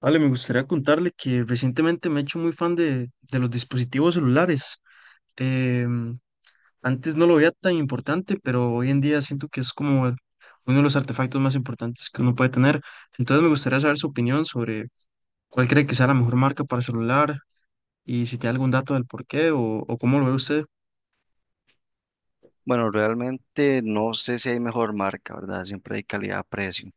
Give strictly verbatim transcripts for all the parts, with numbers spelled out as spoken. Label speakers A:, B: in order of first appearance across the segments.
A: Vale, me gustaría contarle que recientemente me he hecho muy fan de, de los dispositivos celulares. Em, antes no lo veía tan importante, pero hoy en día siento que es como el- uno de los artefactos más importantes que uno puede tener. Entonces me gustaría saber su opinión sobre cuál cree que sea la mejor marca para celular y si tiene algún dato del por qué o, o cómo lo ve usted.
B: Bueno, realmente no sé si hay mejor marca, ¿verdad? Siempre hay calidad-precio.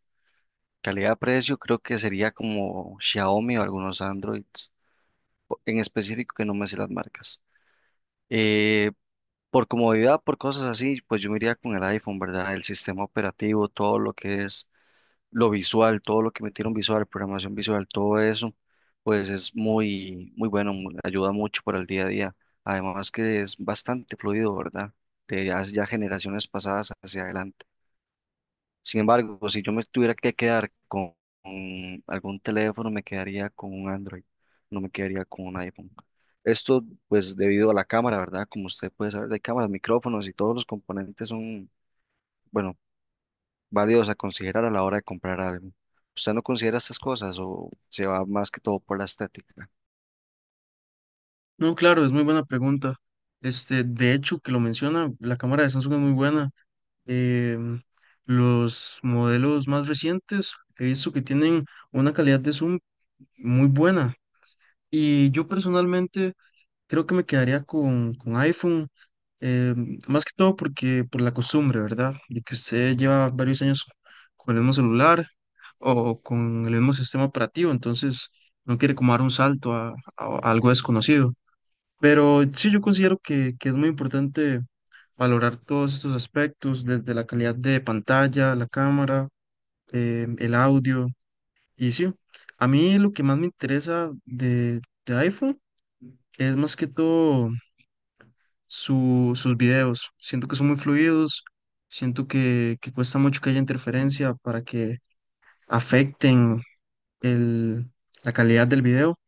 B: Calidad-precio creo que sería como Xiaomi o algunos Androids, o- en específico que no me sé las marcas. Eh, por comodidad, por cosas así, pues yo me iría con el iPhone, ¿verdad? El sistema operativo, todo lo que es lo visual, todo lo que metieron visual, programación visual, todo eso, pues es muy, muy bueno, mu- ayuda mucho para el día a día. Además que es bastante fluido, ¿verdad? De ya ya generaciones pasadas hacia adelante. Sin embargo, pues, si yo me tuviera que quedar con, con algún teléfono, me quedaría con un Android, no me quedaría con un iPhone. Esto, pues, debido a la cámara, ¿verdad? Como usted puede saber, de cámaras, micrófonos y todos los componentes son, bueno, válidos a considerar a la hora de comprar algo. ¿Usted no considera estas cosas o se va más que todo por la estética?
A: No, claro, es muy buena pregunta. Este, de hecho, que lo menciona, la cámara de Samsung es muy buena. em, los modelos más recientes he visto que tienen una calidad de zoom muy buena y yo personalmente creo que me quedaría con, con iPhone, em, más que todo porque por la costumbre, ¿verdad? De que usted lleva varios años con el mismo celular o con el mismo sistema operativo, entonces no quiere como dar un salto a, a- a algo desconocido. Pero sí, yo considero que, que es muy importante valorar todos estos aspectos, desde la calidad de pantalla, la cámara, eh, el audio. Y sí, a mí lo que más me interesa de, de iPhone es más que todo su- sus videos. Siento que son muy fluidos, siento que, que cuesta mucho que haya interferencia para que afecten el, la calidad del video.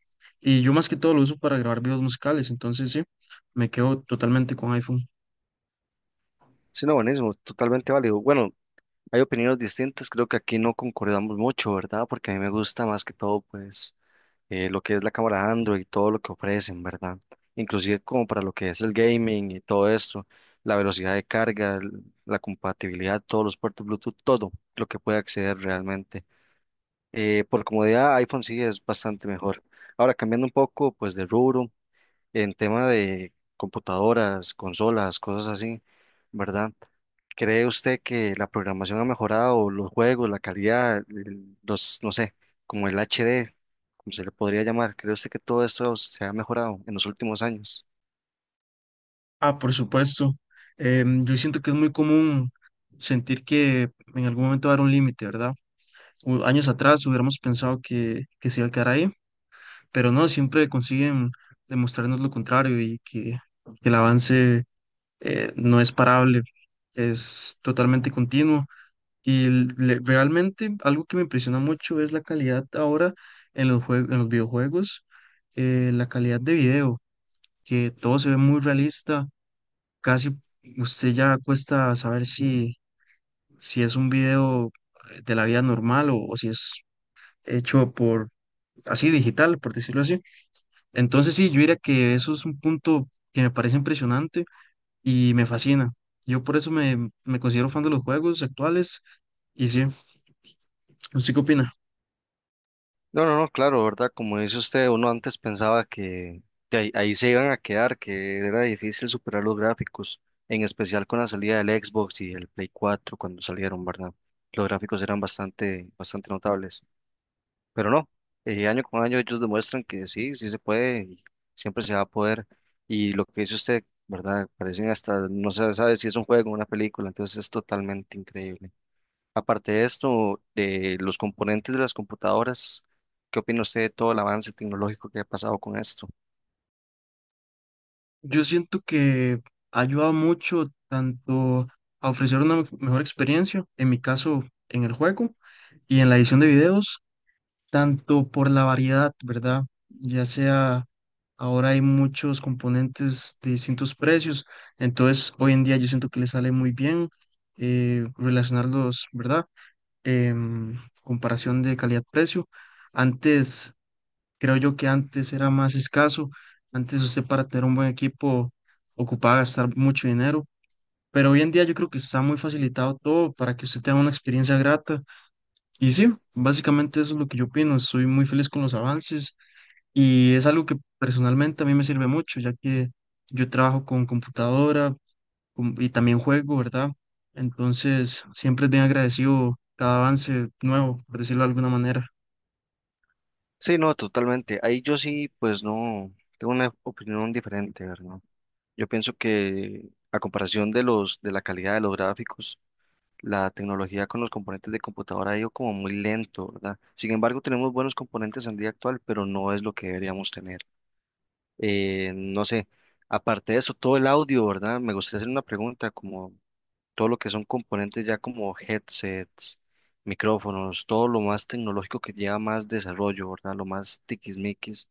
A: Y yo más que todo lo uso para grabar videos musicales, entonces sí, me quedo totalmente con iPhone.
B: Sí, no, buenísimo, totalmente válido. Bueno, hay opiniones distintas, creo que aquí no concordamos mucho, ¿verdad? Porque a mí me gusta más que todo, pues eh, lo que es la cámara Android, todo lo que ofrecen, ¿verdad? Inclusive como para lo que es el gaming y todo esto, la velocidad de carga, el- la compatibilidad, todos los puertos Bluetooth, todo lo que puede acceder realmente. Eh, por comodidad, iPhone sí es bastante mejor. Ahora, cambiando un poco, pues de rubro, en tema de computadoras, consolas, cosas así, ¿verdad? ¿Cree usted que la programación ha mejorado, los juegos, la calidad, el- los, no sé, como el H D, como se le podría llamar? ¿Cree usted que todo esto se ha mejorado en los últimos años?
A: Ah, por supuesto. Em, yo siento que es muy común sentir que en algún momento va a haber un límite, ¿verdad? U- años atrás hubiéramos pensado que, que se iba a quedar ahí, pero no, siempre consiguen demostrarnos lo contrario y que, que el avance eh, no es parable, es totalmente continuo. Y l- le- realmente algo que me impresiona mucho es la calidad ahora en los jue- en los videojuegos, eh, la calidad de video, que todo se ve muy realista, casi usted ya cuesta saber si, si es un video de la vida normal o, o si es hecho por así digital, por decirlo así. Entonces sí, yo diría que eso es un punto que me parece impresionante y me fascina. Yo por eso me, me considero fan de los juegos actuales y sí, ¿usted qué opina?
B: No, no, no, claro, ¿verdad? Como dice usted, uno antes pensaba que de ahí, ahí se iban a quedar, que era difícil superar los gráficos, en especial con la salida del Xbox y el Play cuatro cuando salieron, ¿verdad? Los gráficos eran bastante, bastante notables. Pero no, eh, año con año ellos demuestran que sí, sí se puede y siempre se va a poder. Y lo que dice usted, ¿verdad? Parecen hasta, no se sabe si es un juego o una película, entonces es totalmente increíble. Aparte de esto, de los componentes de las computadoras, ¿qué opina usted de todo el avance tecnológico que ha pasado con esto?
A: Yo siento que ha ayudado mucho, tanto a ofrecer una mejor experiencia, en mi caso en el juego y en la edición de videos, tanto por la variedad, ¿verdad? Ya sea ahora hay muchos componentes de distintos precios, entonces hoy en día yo siento que le sale muy bien eh, relacionarlos, ¿verdad? Em, Comparación de calidad-precio. Antes, creo yo que antes era más escaso, antes usted para tener un buen equipo ocupaba gastar mucho dinero, pero hoy en día yo creo que está muy facilitado todo para que usted tenga una experiencia grata y sí, básicamente eso es lo que yo opino. Estoy muy feliz con los avances y es algo que personalmente a mí me sirve mucho, ya que yo trabajo con computadora con- y también juego, ¿verdad? Entonces, siempre es bien agradecido cada avance nuevo, por decirlo de alguna manera.
B: Sí, no, totalmente. Ahí yo sí, pues no, tengo una opinión diferente, ¿verdad? Yo pienso que a comparación de los, de la calidad de los gráficos, la tecnología con los componentes de computadora ha ido como muy lento, ¿verdad? Sin embargo, tenemos buenos componentes en día actual, pero no es lo que deberíamos tener. Eh, no sé, aparte de eso, todo el audio, ¿verdad? Me gustaría hacer una pregunta, como todo lo que son componentes ya como headsets, micrófonos, todo lo más tecnológico que lleva más desarrollo, ¿verdad? Lo más tiquismiquis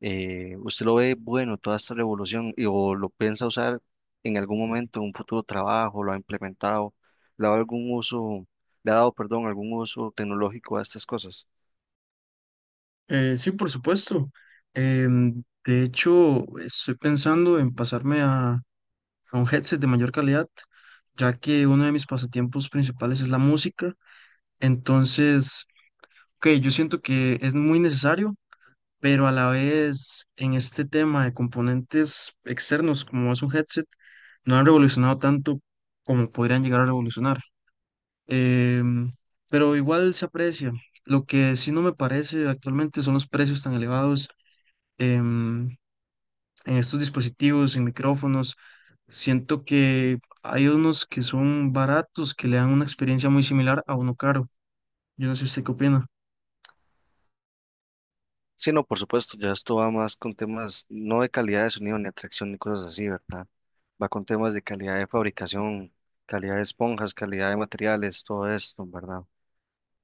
B: eh, ¿usted lo ve bueno toda esta revolución y, o lo piensa usar en algún momento, en un futuro trabajo, lo ha implementado, le ha dado algún uso, le ha dado, perdón, algún uso tecnológico a estas cosas?
A: Eh, sí, por supuesto. Em, de hecho, estoy pensando en pasarme a, a un headset de mayor calidad, ya que uno de mis pasatiempos principales es la música. Entonces… Ok, yo siento que es muy necesario, pero a la vez en este tema de componentes externos como es un headset, no han revolucionado tanto como podrían llegar a revolucionar. Em, pero igual se aprecia. Lo que sí no me parece actualmente son los precios tan elevados em, en estos dispositivos, en micrófonos. Siento que hay unos que son baratos, que le dan una experiencia muy similar a uno caro. Yo no sé usted qué opina.
B: Sí, no, por supuesto, ya esto va más con temas no de calidad de sonido ni atracción ni cosas así, ¿verdad? Va con temas de calidad de fabricación, calidad de esponjas, calidad de materiales, todo esto, ¿verdad?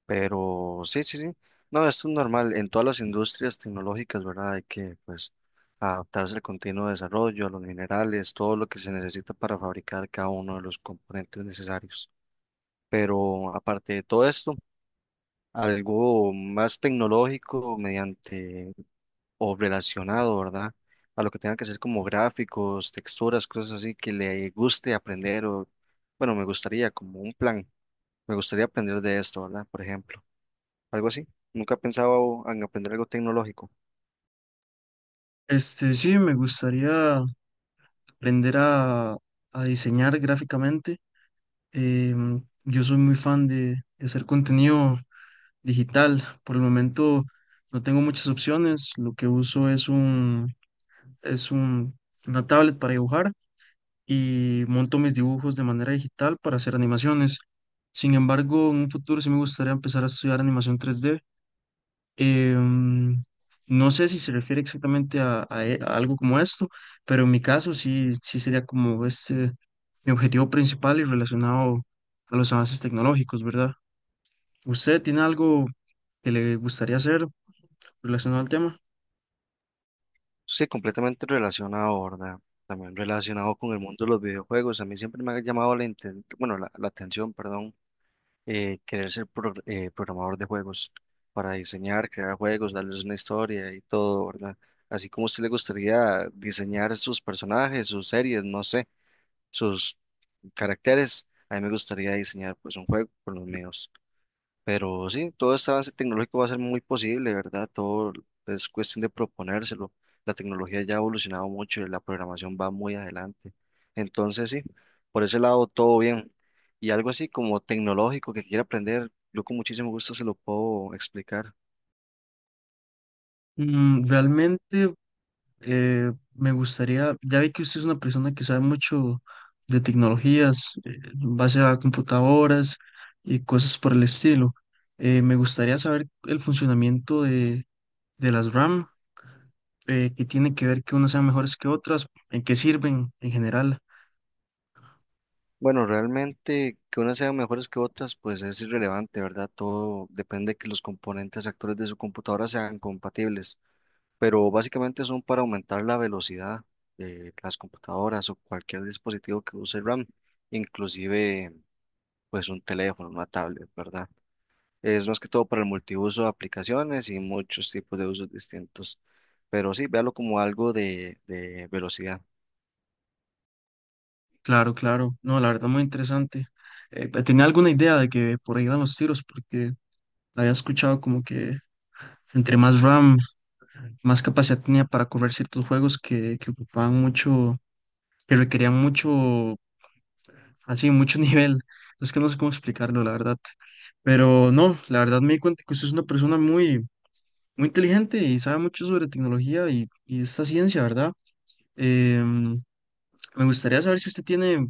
B: Pero sí, sí, sí. No, esto es normal en todas las industrias tecnológicas, ¿verdad? Hay que, pues, adaptarse al continuo desarrollo, a los minerales, todo lo que se necesita para fabricar cada uno de los componentes necesarios. Pero aparte de todo esto, algo más tecnológico mediante o relacionado, ¿verdad? A lo que tenga que ser como gráficos, texturas, cosas así que le guste aprender o, bueno, me gustaría como un plan, me gustaría aprender de esto, ¿verdad? Por ejemplo algo así. Nunca pensaba en aprender algo tecnológico.
A: Este, sí, me gustaría aprender a, a diseñar gráficamente. Em, yo soy muy fan de, de hacer contenido digital. Por el momento no tengo muchas opciones. Lo que uso es un, es un, una tablet para dibujar y monto mis dibujos de manera digital para hacer animaciones. Sin embargo, en un futuro sí me gustaría empezar a estudiar animación tres d. Em, no sé si se refiere exactamente a, a e- a algo como esto, pero en mi caso sí, sí sería como este mi objetivo principal y relacionado a los avances tecnológicos, ¿verdad? ¿Usted tiene algo que le gustaría hacer relacionado al tema?
B: Sí, completamente relacionado, ¿verdad? También relacionado con el mundo de los videojuegos. A mí siempre me ha llamado la, inten- bueno, la, la atención, perdón, eh, querer ser pro- eh, programador de juegos para diseñar, crear juegos, darles una historia y todo, ¿verdad? Así como a usted le gustaría diseñar sus personajes, sus series, no sé, sus caracteres, a mí me gustaría diseñar pues un juego con los míos. Pero sí, todo este avance tecnológico va a ser muy posible, ¿verdad? Todo es cuestión de proponérselo. La tecnología ya ha evolucionado mucho y la programación va muy adelante. Entonces, sí, por ese lado todo bien. Y algo así como tecnológico que quiera aprender, yo con muchísimo gusto se lo puedo explicar.
A: Mm, realmente eh, me gustaría, ya vi que usted es una persona que sabe mucho de tecnologías, eh, en base a computadoras y cosas por el estilo. Eh, me gustaría saber el funcionamiento de las R A M, eh, que tiene que ver que unas sean mejores que otras, en qué sirven en general.
B: Bueno, realmente que unas sean mejores que otras, pues es irrelevante, ¿verdad? Todo depende de que los componentes actores de su computadora sean compatibles. Pero básicamente son para aumentar la velocidad de las computadoras o cualquier dispositivo que use RAM, inclusive pues un teléfono, una tablet, ¿verdad? Es más que todo para el multiuso de aplicaciones y muchos tipos de usos distintos, pero sí, véalo como algo de, de velocidad.
A: Claro, claro. No, la verdad, muy interesante. Eh, pe- tenía alguna idea de que por ahí iban los tiros, porque había escuchado como que entre más R A M, más capacidad tenía para correr ciertos juegos que, que ocupaban mucho, que requerían mucho, así, mucho nivel. Es que no sé cómo explicarlo, la verdad. Pero no, la verdad me di cuenta que usted es una persona muy, muy inteligente y sabe mucho sobre tecnología y, y esta ciencia, ¿verdad? Em, Me gustaría saber si usted tiene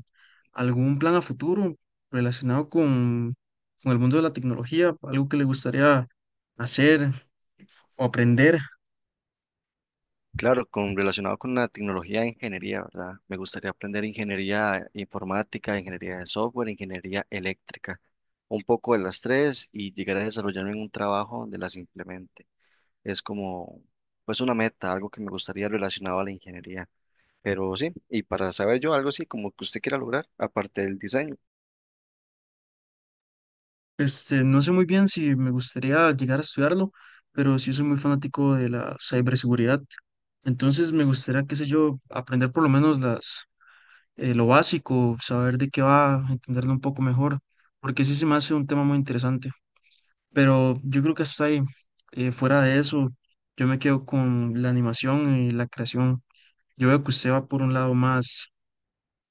A: algún plan a futuro relacionado con, con el mundo de la tecnología, algo que le gustaría hacer o aprender.
B: Claro, con, relacionado con la tecnología de ingeniería, ¿verdad? Me gustaría aprender ingeniería informática, ingeniería de software, ingeniería eléctrica, un poco de las tres y llegar a desarrollarme en un trabajo donde las implemente. Es como, pues una meta, algo que me gustaría relacionado a la ingeniería. Pero sí, y para saber yo algo así como que usted quiera lograr, aparte del diseño.
A: Este, no sé muy bien si me gustaría llegar a estudiarlo, pero sí soy muy fanático de la ciberseguridad. Entonces me gustaría, qué sé yo, aprender por lo menos las, eh, lo básico, saber de qué va, entenderlo un poco mejor, porque sí se me hace un tema muy interesante. Pero yo creo que hasta ahí, eh, fuera de eso, yo me quedo con la animación y la creación. Yo veo que usted va por un lado más,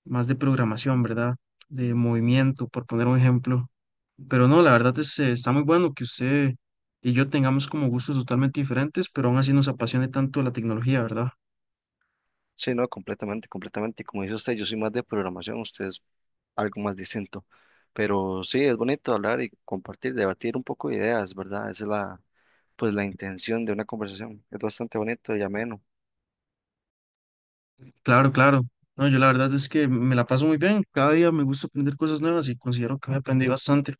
A: más de programación, ¿verdad? De movimiento, por poner un ejemplo. Pero no, la verdad es, eh, está muy bueno que usted y yo tengamos como gustos totalmente diferentes, pero aún así nos apasione tanto la tecnología, ¿verdad?
B: Sí, no, completamente, completamente. Como dice usted, yo soy más de programación, usted es algo más distinto. Pero sí, es bonito hablar y compartir, debatir un poco de ideas, ¿verdad? Esa es la, pues la intención de una conversación. Es bastante bonito y ameno.
A: Claro, claro. No, yo la verdad es que me la paso muy bien. Cada día me gusta aprender cosas nuevas y considero que me aprendí bastante.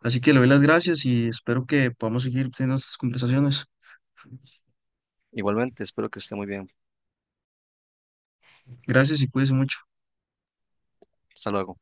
A: Así que le doy las gracias y espero que podamos seguir teniendo estas conversaciones.
B: Igualmente, espero que esté muy bien.
A: Gracias y cuídese mucho.
B: Hasta luego.